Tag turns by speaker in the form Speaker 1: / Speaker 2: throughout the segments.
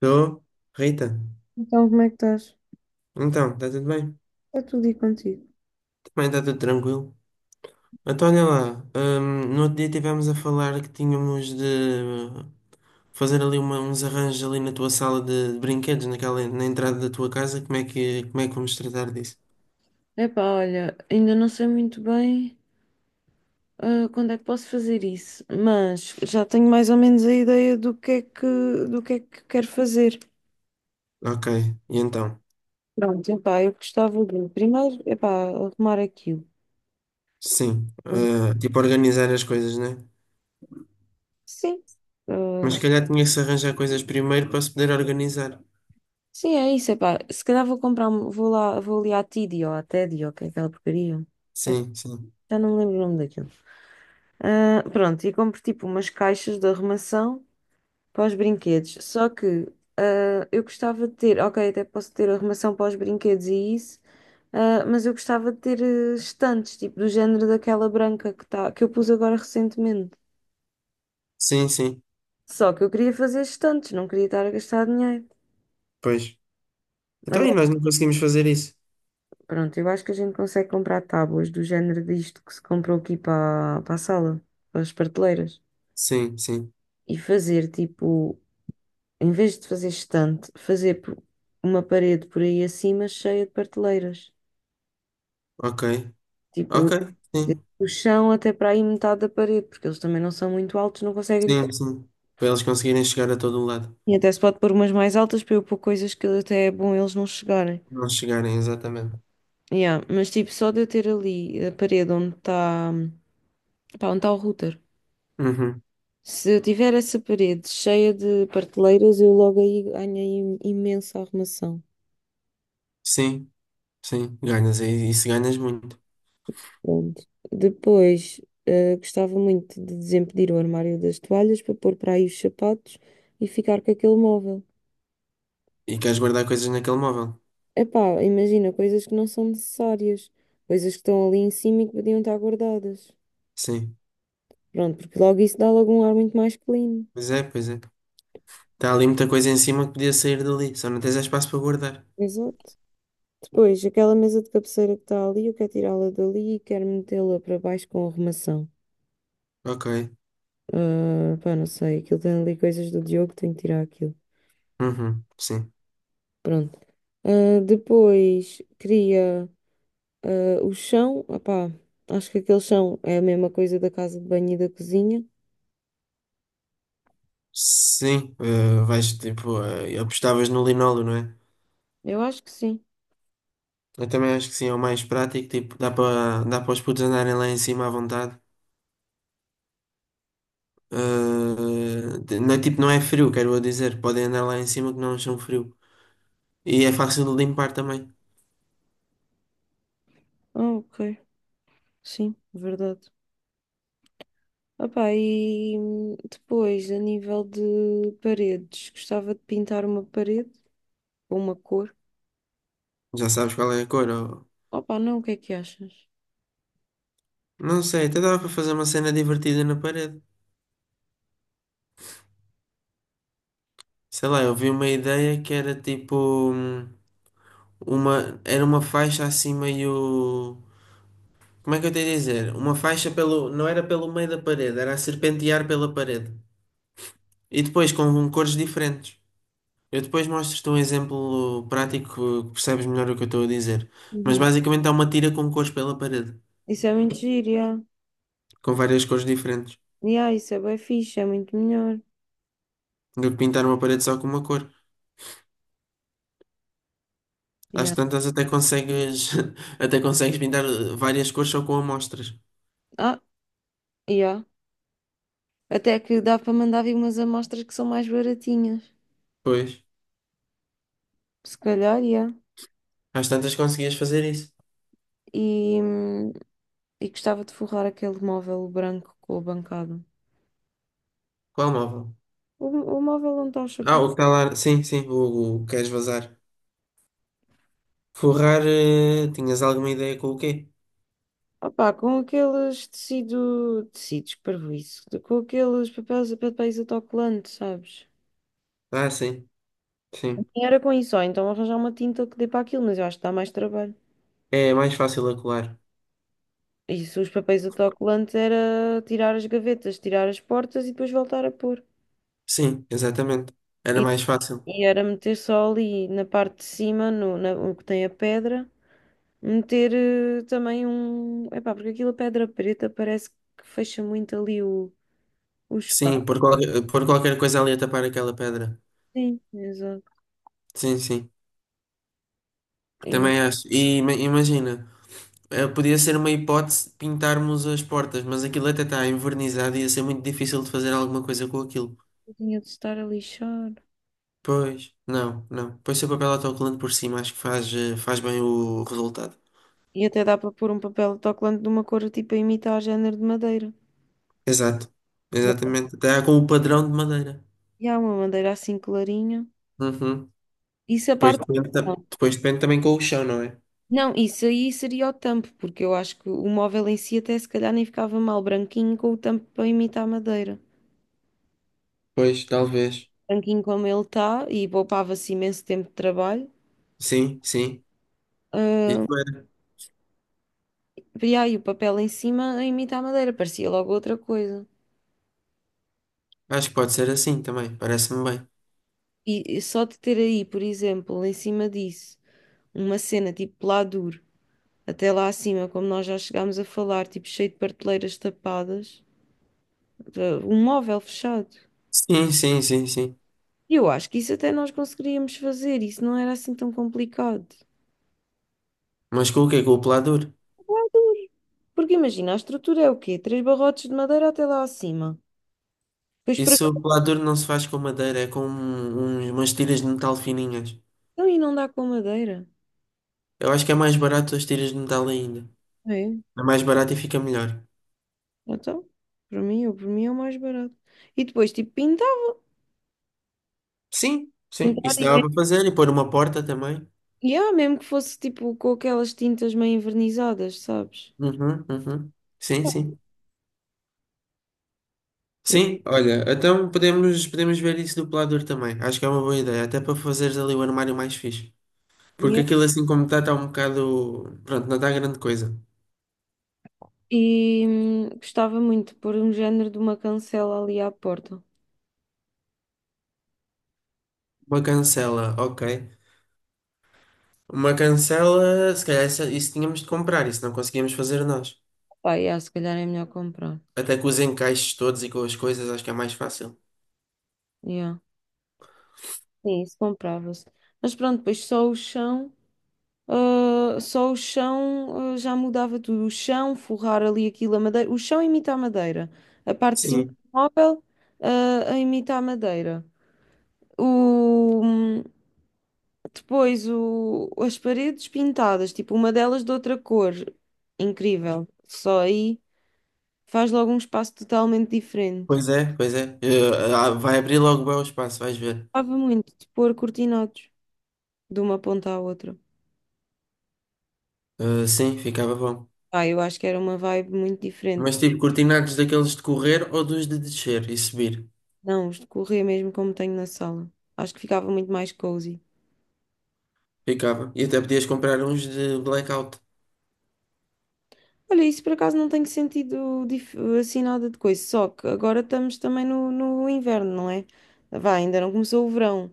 Speaker 1: Tô. Rita,
Speaker 2: Então, como é que estás?
Speaker 1: então, está tudo bem?
Speaker 2: Está tudo e contigo?
Speaker 1: Também está tudo tranquilo. Então, olha lá, no outro dia estivemos a falar que tínhamos de fazer ali uns arranjos ali na tua sala de brinquedos, naquela, na entrada da tua casa. Como é que vamos tratar disso?
Speaker 2: Epá, olha, ainda não sei muito bem quando é que posso fazer isso, mas já tenho mais ou menos a ideia do que é do que é que quero fazer.
Speaker 1: Ok, e então?
Speaker 2: Pronto, epá, eu gostava de primeiro, epá, arrumar aquilo.
Speaker 1: Sim, eh, tipo organizar as coisas, né?
Speaker 2: Sim,
Speaker 1: Mas
Speaker 2: ah,
Speaker 1: se calhar tinha que se arranjar coisas primeiro para se poder organizar.
Speaker 2: sim, é isso, epá. Se calhar vou comprar, um- vou lá, vou ali à Tidy ou à Teddy ou o que é aquela porcaria. É,
Speaker 1: Sim, sim.
Speaker 2: já não me lembro o nome daquilo. Ah, pronto, e compro tipo umas caixas de arrumação para os brinquedos. Só que eu gostava de ter, ok, até posso ter arrumação para os brinquedos e isso, mas eu gostava de ter estantes, tipo do género daquela branca que, tá, que eu pus agora recentemente.
Speaker 1: Sim, sim.
Speaker 2: Só que eu queria fazer estantes, não queria estar a gastar dinheiro.
Speaker 1: Pois. Então, e
Speaker 2: Agora,
Speaker 1: nós não conseguimos fazer isso?
Speaker 2: pronto, eu acho que a gente consegue comprar tábuas do género disto que se comprou aqui para a sala, para as prateleiras.
Speaker 1: Sim, sim.
Speaker 2: E fazer tipo, em vez de fazer estante, fazer por- uma parede por aí acima cheia de prateleiras.
Speaker 1: Ok.
Speaker 2: Tipo,
Speaker 1: Ok, sim,
Speaker 2: o chão até para aí metade da parede, porque eles também não são muito altos, não conseguem.
Speaker 1: sim, sim. Para eles conseguirem chegar a todo o lado.
Speaker 2: E até se pode pôr umas mais altas para eu pôr coisas que até é bom eles não chegarem.
Speaker 1: Não chegarem, exatamente.
Speaker 2: Yeah, mas tipo, só de eu ter ali a parede onde está o router.
Speaker 1: Uhum.
Speaker 2: Se eu tiver essa parede cheia de prateleiras, eu logo aí ganhei imensa arrumação.
Speaker 1: Sim, sim, ganhas. E isso ganhas muito.
Speaker 2: Pronto. Depois, gostava muito de desempedir o armário das toalhas para pôr para aí os sapatos e ficar com aquele móvel.
Speaker 1: E queres guardar coisas naquele móvel.
Speaker 2: Epá, imagina, coisas que não são necessárias, coisas que estão ali em cima e que podiam estar guardadas.
Speaker 1: Sim,
Speaker 2: Pronto, porque logo isso dá logo um ar muito mais clean.
Speaker 1: pois é, pois é. Está ali muita coisa em cima que podia sair dali. Só não tens espaço para guardar.
Speaker 2: Exato. Depois, aquela mesa de cabeceira que está ali, eu quero tirá-la dali e quero metê-la para baixo com arrumação.
Speaker 1: Ok,
Speaker 2: Ah, pá, não sei, aquilo tem ali coisas do Diogo, tenho que tirar aquilo.
Speaker 1: uhum. Sim.
Speaker 2: Pronto. Ah, depois, queria o chão, opá, acho que aquele chão é a mesma coisa da casa de banho e da cozinha.
Speaker 1: Sim, eh, vais tipo, eh, apostavas no linóleo, não é?
Speaker 2: Eu acho que sim.
Speaker 1: Eu também acho que sim, é o mais prático. Tipo, dá para os putos andarem lá em cima à vontade. Ah, não é tipo, não é frio, quero eu dizer. Podem andar lá em cima que não acham frio. E é fácil de limpar também.
Speaker 2: Ah, ok. Sim, verdade. Opa, e depois, a nível de paredes, gostava de pintar uma parede ou uma cor.
Speaker 1: Já sabes qual é a cor.
Speaker 2: Opa, não, o que é que achas?
Speaker 1: Não sei, até dava para fazer uma cena divertida na parede. Sei lá, eu vi uma ideia que era tipo hum, uma, era uma faixa assim meio Como é que eu tenho a dizer? Uma faixa pelo, não era pelo meio da parede, era a serpentear pela parede. E depois com um cores diferentes. Eu depois mostro-te um exemplo prático que percebes melhor o que eu estou a dizer. Mas
Speaker 2: Uhum.
Speaker 1: basicamente há uma tira com cores pela parede,
Speaker 2: Isso é muito giro, yeah.
Speaker 1: com várias cores diferentes.
Speaker 2: Yeah, isso é bem fixe, é muito melhor.
Speaker 1: Do que pintar uma parede só com uma cor. Às
Speaker 2: Yeah.
Speaker 1: tantas até consegues até consegues pintar várias cores só com amostras.
Speaker 2: Ah, yeah. Até que dá para mandar vir umas amostras que são mais baratinhas.
Speaker 1: Pois.
Speaker 2: Se calhar, yeah.
Speaker 1: Às tantas conseguias fazer isso.
Speaker 2: E, hum, e gostava de forrar aquele móvel branco com a bancada.
Speaker 1: Qual móvel?
Speaker 2: O móvel onde está o
Speaker 1: Ah,
Speaker 2: chapéu.
Speaker 1: o que está lá. Sim, sim, o que queres vazar. Forrar, eh, tinhas alguma ideia com o quê?
Speaker 2: Opá, com aqueles tecidos, parvoíce, com aqueles papéis autocolantes, sabes?
Speaker 1: Ah, sim, sim.
Speaker 2: E era com isso, ou então arranjar uma tinta que dê para aquilo, mas eu acho que dá mais trabalho.
Speaker 1: É mais fácil a colar.
Speaker 2: Isso, os papéis autocolantes era tirar as gavetas, tirar as portas e depois voltar a pôr.
Speaker 1: Sim, exatamente. Era
Speaker 2: E,
Speaker 1: mais fácil.
Speaker 2: e era meter só ali na parte de cima, no, na, o que tem a pedra, meter também um. Epá, porque aquilo a pedra preta parece que fecha muito ali o
Speaker 1: Sim,
Speaker 2: espaço.
Speaker 1: por qualquer coisa ali a tapar aquela pedra.
Speaker 2: Sim, exato.
Speaker 1: Sim, sim. Também acho. E imagina, eh, podia ser uma hipótese pintarmos as portas, mas aquilo até está envernizado e ia ser muito difícil de fazer alguma coisa com aquilo.
Speaker 2: Eu tinha de estar a lixar.
Speaker 1: Pois, não, não. Pois se o papel autocolante por cima, acho que faz, eh, faz bem o resultado.
Speaker 2: E até dá para pôr um papel de autocolante de uma cor tipo a imitar género de madeira.
Speaker 1: Exato,
Speaker 2: Uma,
Speaker 1: exatamente. Está com o padrão de madeira.
Speaker 2: e há uma madeira assim clarinha.
Speaker 1: Uhum.
Speaker 2: Isso a
Speaker 1: Depois
Speaker 2: parte.
Speaker 1: depende, depois depende também com o chão, não é?
Speaker 2: Não, isso aí seria o tampo, porque eu acho que o móvel em si até se calhar nem ficava mal branquinho com o tampo para imitar madeira.
Speaker 1: Pois, talvez.
Speaker 2: Branquinho como ele está e poupava-se imenso tempo de trabalho.
Speaker 1: Sim, sim. Isso era.
Speaker 2: E aí o papel em cima a imitar madeira, parecia logo outra coisa.
Speaker 1: Acho que pode ser assim também. Parece-me bem.
Speaker 2: E só de ter aí, por exemplo, em cima disso, uma cena tipo pladur. Até lá acima, como nós já chegámos a falar, tipo cheio de prateleiras tapadas, um móvel fechado.
Speaker 1: Sim, sim, sim, sim.
Speaker 2: E eu acho que isso até nós conseguiríamos fazer, isso não era assim tão complicado.
Speaker 1: Mas com o quê? Com o pelador?
Speaker 2: Porque imagina, a estrutura é o quê? Três barrotes de madeira até lá acima. Depois para
Speaker 1: Isso,
Speaker 2: cá
Speaker 1: o pelador não se faz com madeira, é com umas tiras de metal fininhas.
Speaker 2: então, e não dá com madeira.
Speaker 1: Eu acho que é mais barato as tiras de metal ainda.
Speaker 2: É,
Speaker 1: É mais barato e fica melhor.
Speaker 2: então, para mim, eu, para mim é o mais barato. E depois, tipo, pintar.
Speaker 1: Sim, sim.
Speaker 2: Pintar
Speaker 1: Isso
Speaker 2: e
Speaker 1: dava
Speaker 2: mesmo,
Speaker 1: para fazer e pôr uma porta também.
Speaker 2: yeah, mesmo que fosse tipo com aquelas tintas meio envernizadas, sabes?
Speaker 1: Uhum, uhum. Sim, sim.
Speaker 2: Eu,
Speaker 1: Sim, olha, então podemos, podemos ver isso do pelador também. Acho que é uma boa ideia, até para fazeres ali o armário mais fixe. Porque aquilo assim como está, está um bocado. Pronto, não está grande coisa.
Speaker 2: e gostava muito de pôr um género de uma cancela ali à porta.
Speaker 1: Uma cancela, ok. Uma cancela, se calhar isso tínhamos de comprar, isso não conseguíamos fazer nós.
Speaker 2: Pá, yeah, se calhar é melhor comprar.
Speaker 1: Até com os encaixes todos e com as coisas, acho que é mais fácil.
Speaker 2: Yeah. Sim, isso comprava-se. Mas pronto, depois só o chão, só o chão, já mudava tudo. O chão, forrar ali aquilo, a madeira. O chão imita a madeira. A parte de cima do
Speaker 1: Sim,
Speaker 2: móvel, a imita a madeira. O, depois as paredes pintadas, tipo uma delas de outra cor. Incrível. Só aí. Faz logo um espaço totalmente diferente.
Speaker 1: pois é, pois é. Eh, ah, vai abrir logo bem o espaço, vais ver.
Speaker 2: Gostava muito de pôr cortinados de uma ponta à outra.
Speaker 1: Eh, sim, ficava bom.
Speaker 2: Ah, eu acho que era uma vibe muito diferente.
Speaker 1: Mas
Speaker 2: Porque
Speaker 1: tipo, cortinados daqueles de correr ou dos de descer e subir.
Speaker 2: não, os de mesmo como tenho na sala. Acho que ficava muito mais cozy.
Speaker 1: Ficava. E até podias comprar uns de blackout.
Speaker 2: Olha, isso por acaso não tem sentido dif- assim nada de coisa. Só que agora estamos também no inverno, não é? Vá, ainda não começou o verão.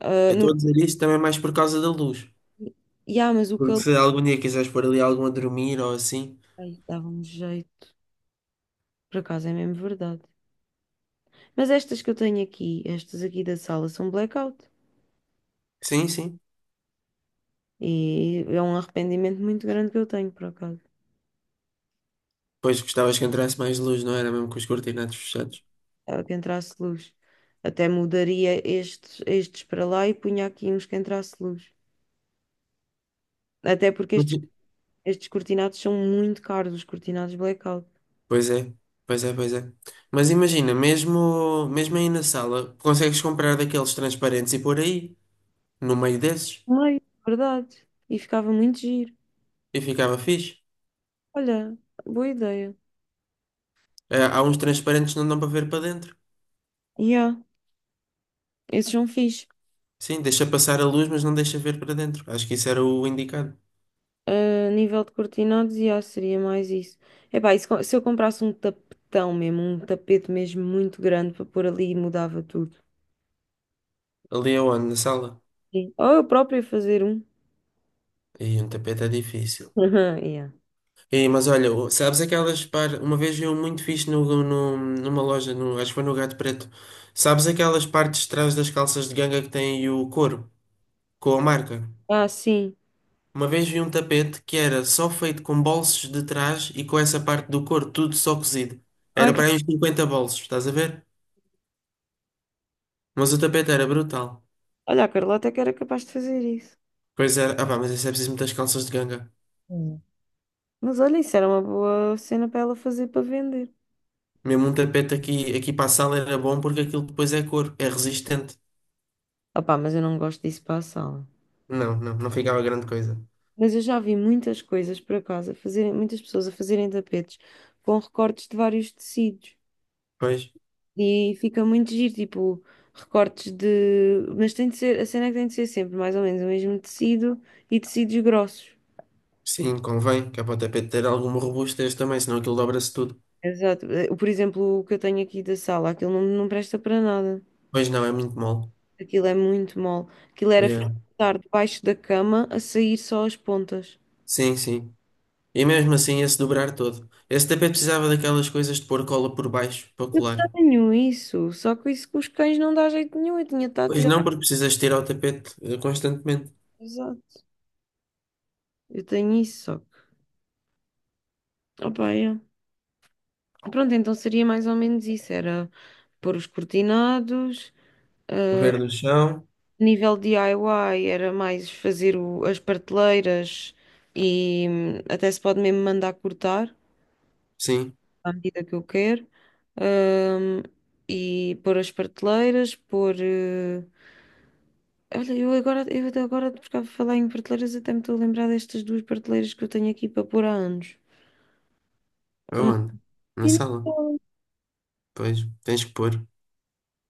Speaker 2: Ah,
Speaker 1: Eu
Speaker 2: no...
Speaker 1: estou a dizer isto também mais por causa da luz.
Speaker 2: E ah, mas o
Speaker 1: Porque
Speaker 2: calor.
Speaker 1: se algum dia quiseres pôr ali algum a dormir ou assim.
Speaker 2: Ai, dava-me jeito. Por acaso é mesmo verdade. Mas estas que eu tenho aqui, estas aqui da sala, são blackout.
Speaker 1: Sim, sim.
Speaker 2: E é um arrependimento muito grande que eu tenho, por acaso,
Speaker 1: Pois gostavas que entrasse mais luz, não era mesmo com os cortinados fechados.
Speaker 2: que entrasse luz. Até mudaria estes para lá e punha aqui uns que entrasse luz. Até porque
Speaker 1: Mas-
Speaker 2: estes,
Speaker 1: i-
Speaker 2: estes cortinados são muito caros, os cortinados blackout.
Speaker 1: Pois é, pois é, pois é. Mas imagina, mesmo, mesmo aí na sala, consegues comprar daqueles transparentes e pôr aí, no meio desses,
Speaker 2: Ai, verdade. E ficava muito giro.
Speaker 1: e ficava fixe.
Speaker 2: Olha, boa ideia.
Speaker 1: Ah, há uns transparentes que não dão para ver para dentro.
Speaker 2: Yeah, esses são fixe.
Speaker 1: Sim, deixa passar a luz, mas não deixa ver para dentro. Acho que isso era o indicado.
Speaker 2: A nível de cortinados, yeah, seria mais isso. Epá, e se, co- se eu comprasse um tapetão mesmo, um tapete mesmo muito grande para pôr ali, mudava tudo.
Speaker 1: Ali é onde? Na sala?
Speaker 2: Sim. Ou eu própria fazer um.
Speaker 1: E um tapete é difícil.
Speaker 2: Aham, yeah.
Speaker 1: E, mas olha, sabes aquelas par... Uma vez eu muito fixe numa loja, acho que foi no Gato Preto. Sabes aquelas partes de trás das calças de ganga que têm o couro, com a marca?
Speaker 2: Ah, sim.
Speaker 1: Uma vez vi um tapete que era só feito com bolsos de trás e com essa parte do couro, tudo só cozido.
Speaker 2: Ai,
Speaker 1: Era para aí uns 50 bolsos, estás a ver? Mas o tapete era brutal.
Speaker 2: olha, a Carla até que era capaz de fazer isso.
Speaker 1: Pois era, ah pá, mas isso é preciso muitas calças de ganga.
Speaker 2: Hum. Mas olha, isso era uma boa cena para ela fazer para vender.
Speaker 1: Mesmo um tapete aqui, aqui para a sala era bom porque aquilo depois é couro, é resistente.
Speaker 2: Opá, mas eu não gosto disso para a sala.
Speaker 1: Não, não, não ficava grande coisa.
Speaker 2: Mas eu já vi muitas coisas por acaso, a fazerem, muitas pessoas a fazerem tapetes com recortes de vários tecidos.
Speaker 1: Pois,
Speaker 2: E fica muito giro, tipo, recortes de. Mas tem de ser, a cena é que tem de ser sempre mais ou menos o mesmo tecido e tecidos grossos.
Speaker 1: sim, convém, que é para o tapete ter alguma robustez também, senão aquilo dobra-se tudo.
Speaker 2: Exato. Eh, por exemplo, o que eu tenho aqui da sala, aquilo não presta para nada.
Speaker 1: Pois não, é muito mole.
Speaker 2: Aquilo é muito mole. Aquilo era
Speaker 1: Yeah.
Speaker 2: estar debaixo da cama a sair só as pontas.
Speaker 1: Sim, sim. E mesmo assim, se dobrar todo. Esse tapete precisava daquelas coisas de pôr cola por baixo para
Speaker 2: Eu
Speaker 1: colar.
Speaker 2: tenho isso, só que isso com os cães não dá jeito nenhum. Eu tinha estado a
Speaker 1: Pois
Speaker 2: tirar.
Speaker 1: não, porque precisas tirar o tapete constantemente.
Speaker 2: Exato. Eu tenho isso, só que. Opa, é. Pronto, então seria mais ou menos isso: era pôr os cortinados, ah,
Speaker 1: Ver no chão,
Speaker 2: a nível DIY era mais fazer o- as prateleiras e até se pode mesmo mandar cortar
Speaker 1: sim,
Speaker 2: à medida que eu quero, ahm, e pôr as prateleiras. Olha, eu agora, eu até agora, por causa de falar em prateleiras, até me estou a lembrar destas duas prateleiras que eu tenho aqui para pôr há anos. Ah,
Speaker 1: aonde? Na
Speaker 2: e
Speaker 1: sala.
Speaker 2: então,
Speaker 1: Pois, tens que pôr.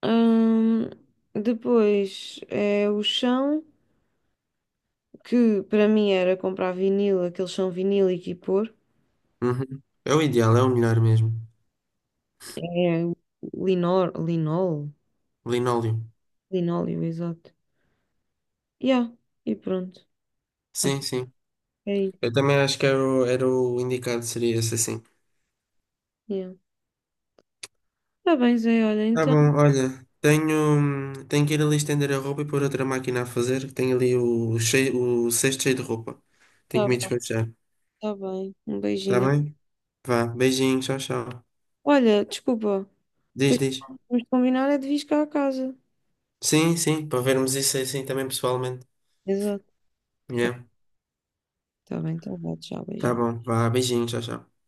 Speaker 2: ahm, depois é o chão, que para mim era comprar vinil, aquele chão vinílico e pôr.
Speaker 1: Uhum. É o ideal, é o melhor mesmo.
Speaker 2: É o
Speaker 1: Linóleo.
Speaker 2: linóleo, exato. Yeah, e pronto. Acho
Speaker 1: Sim,
Speaker 2: que
Speaker 1: sim.
Speaker 2: é isso.
Speaker 1: Eu também acho que era era o indicado, seria esse assim.
Speaker 2: Yeah. Tá bem, Zé, olha,
Speaker 1: Tá
Speaker 2: então.
Speaker 1: bom, olha, tenho, tenho que ir ali estender a roupa e pôr outra máquina a fazer, que tem ali o, cheio, o cesto cheio de roupa. Tenho
Speaker 2: Tá,
Speaker 1: que me
Speaker 2: bem,
Speaker 1: despachar,
Speaker 2: tá bem. Um
Speaker 1: tá
Speaker 2: beijinho.
Speaker 1: bem? Vá, beijinho, tchau, tchau.
Speaker 2: Olha, desculpa.
Speaker 1: Diz,
Speaker 2: Depois
Speaker 1: diz.
Speaker 2: vamos combinar é de vir cá a casa.
Speaker 1: Sim, sim, para vermos isso assim também pessoalmente.
Speaker 2: Exato. Tá,
Speaker 1: Yeah.
Speaker 2: tá bem, tá bom. Tchau,
Speaker 1: Tá
Speaker 2: beijinho.
Speaker 1: bom, vá, beijinho, tchau, tchau.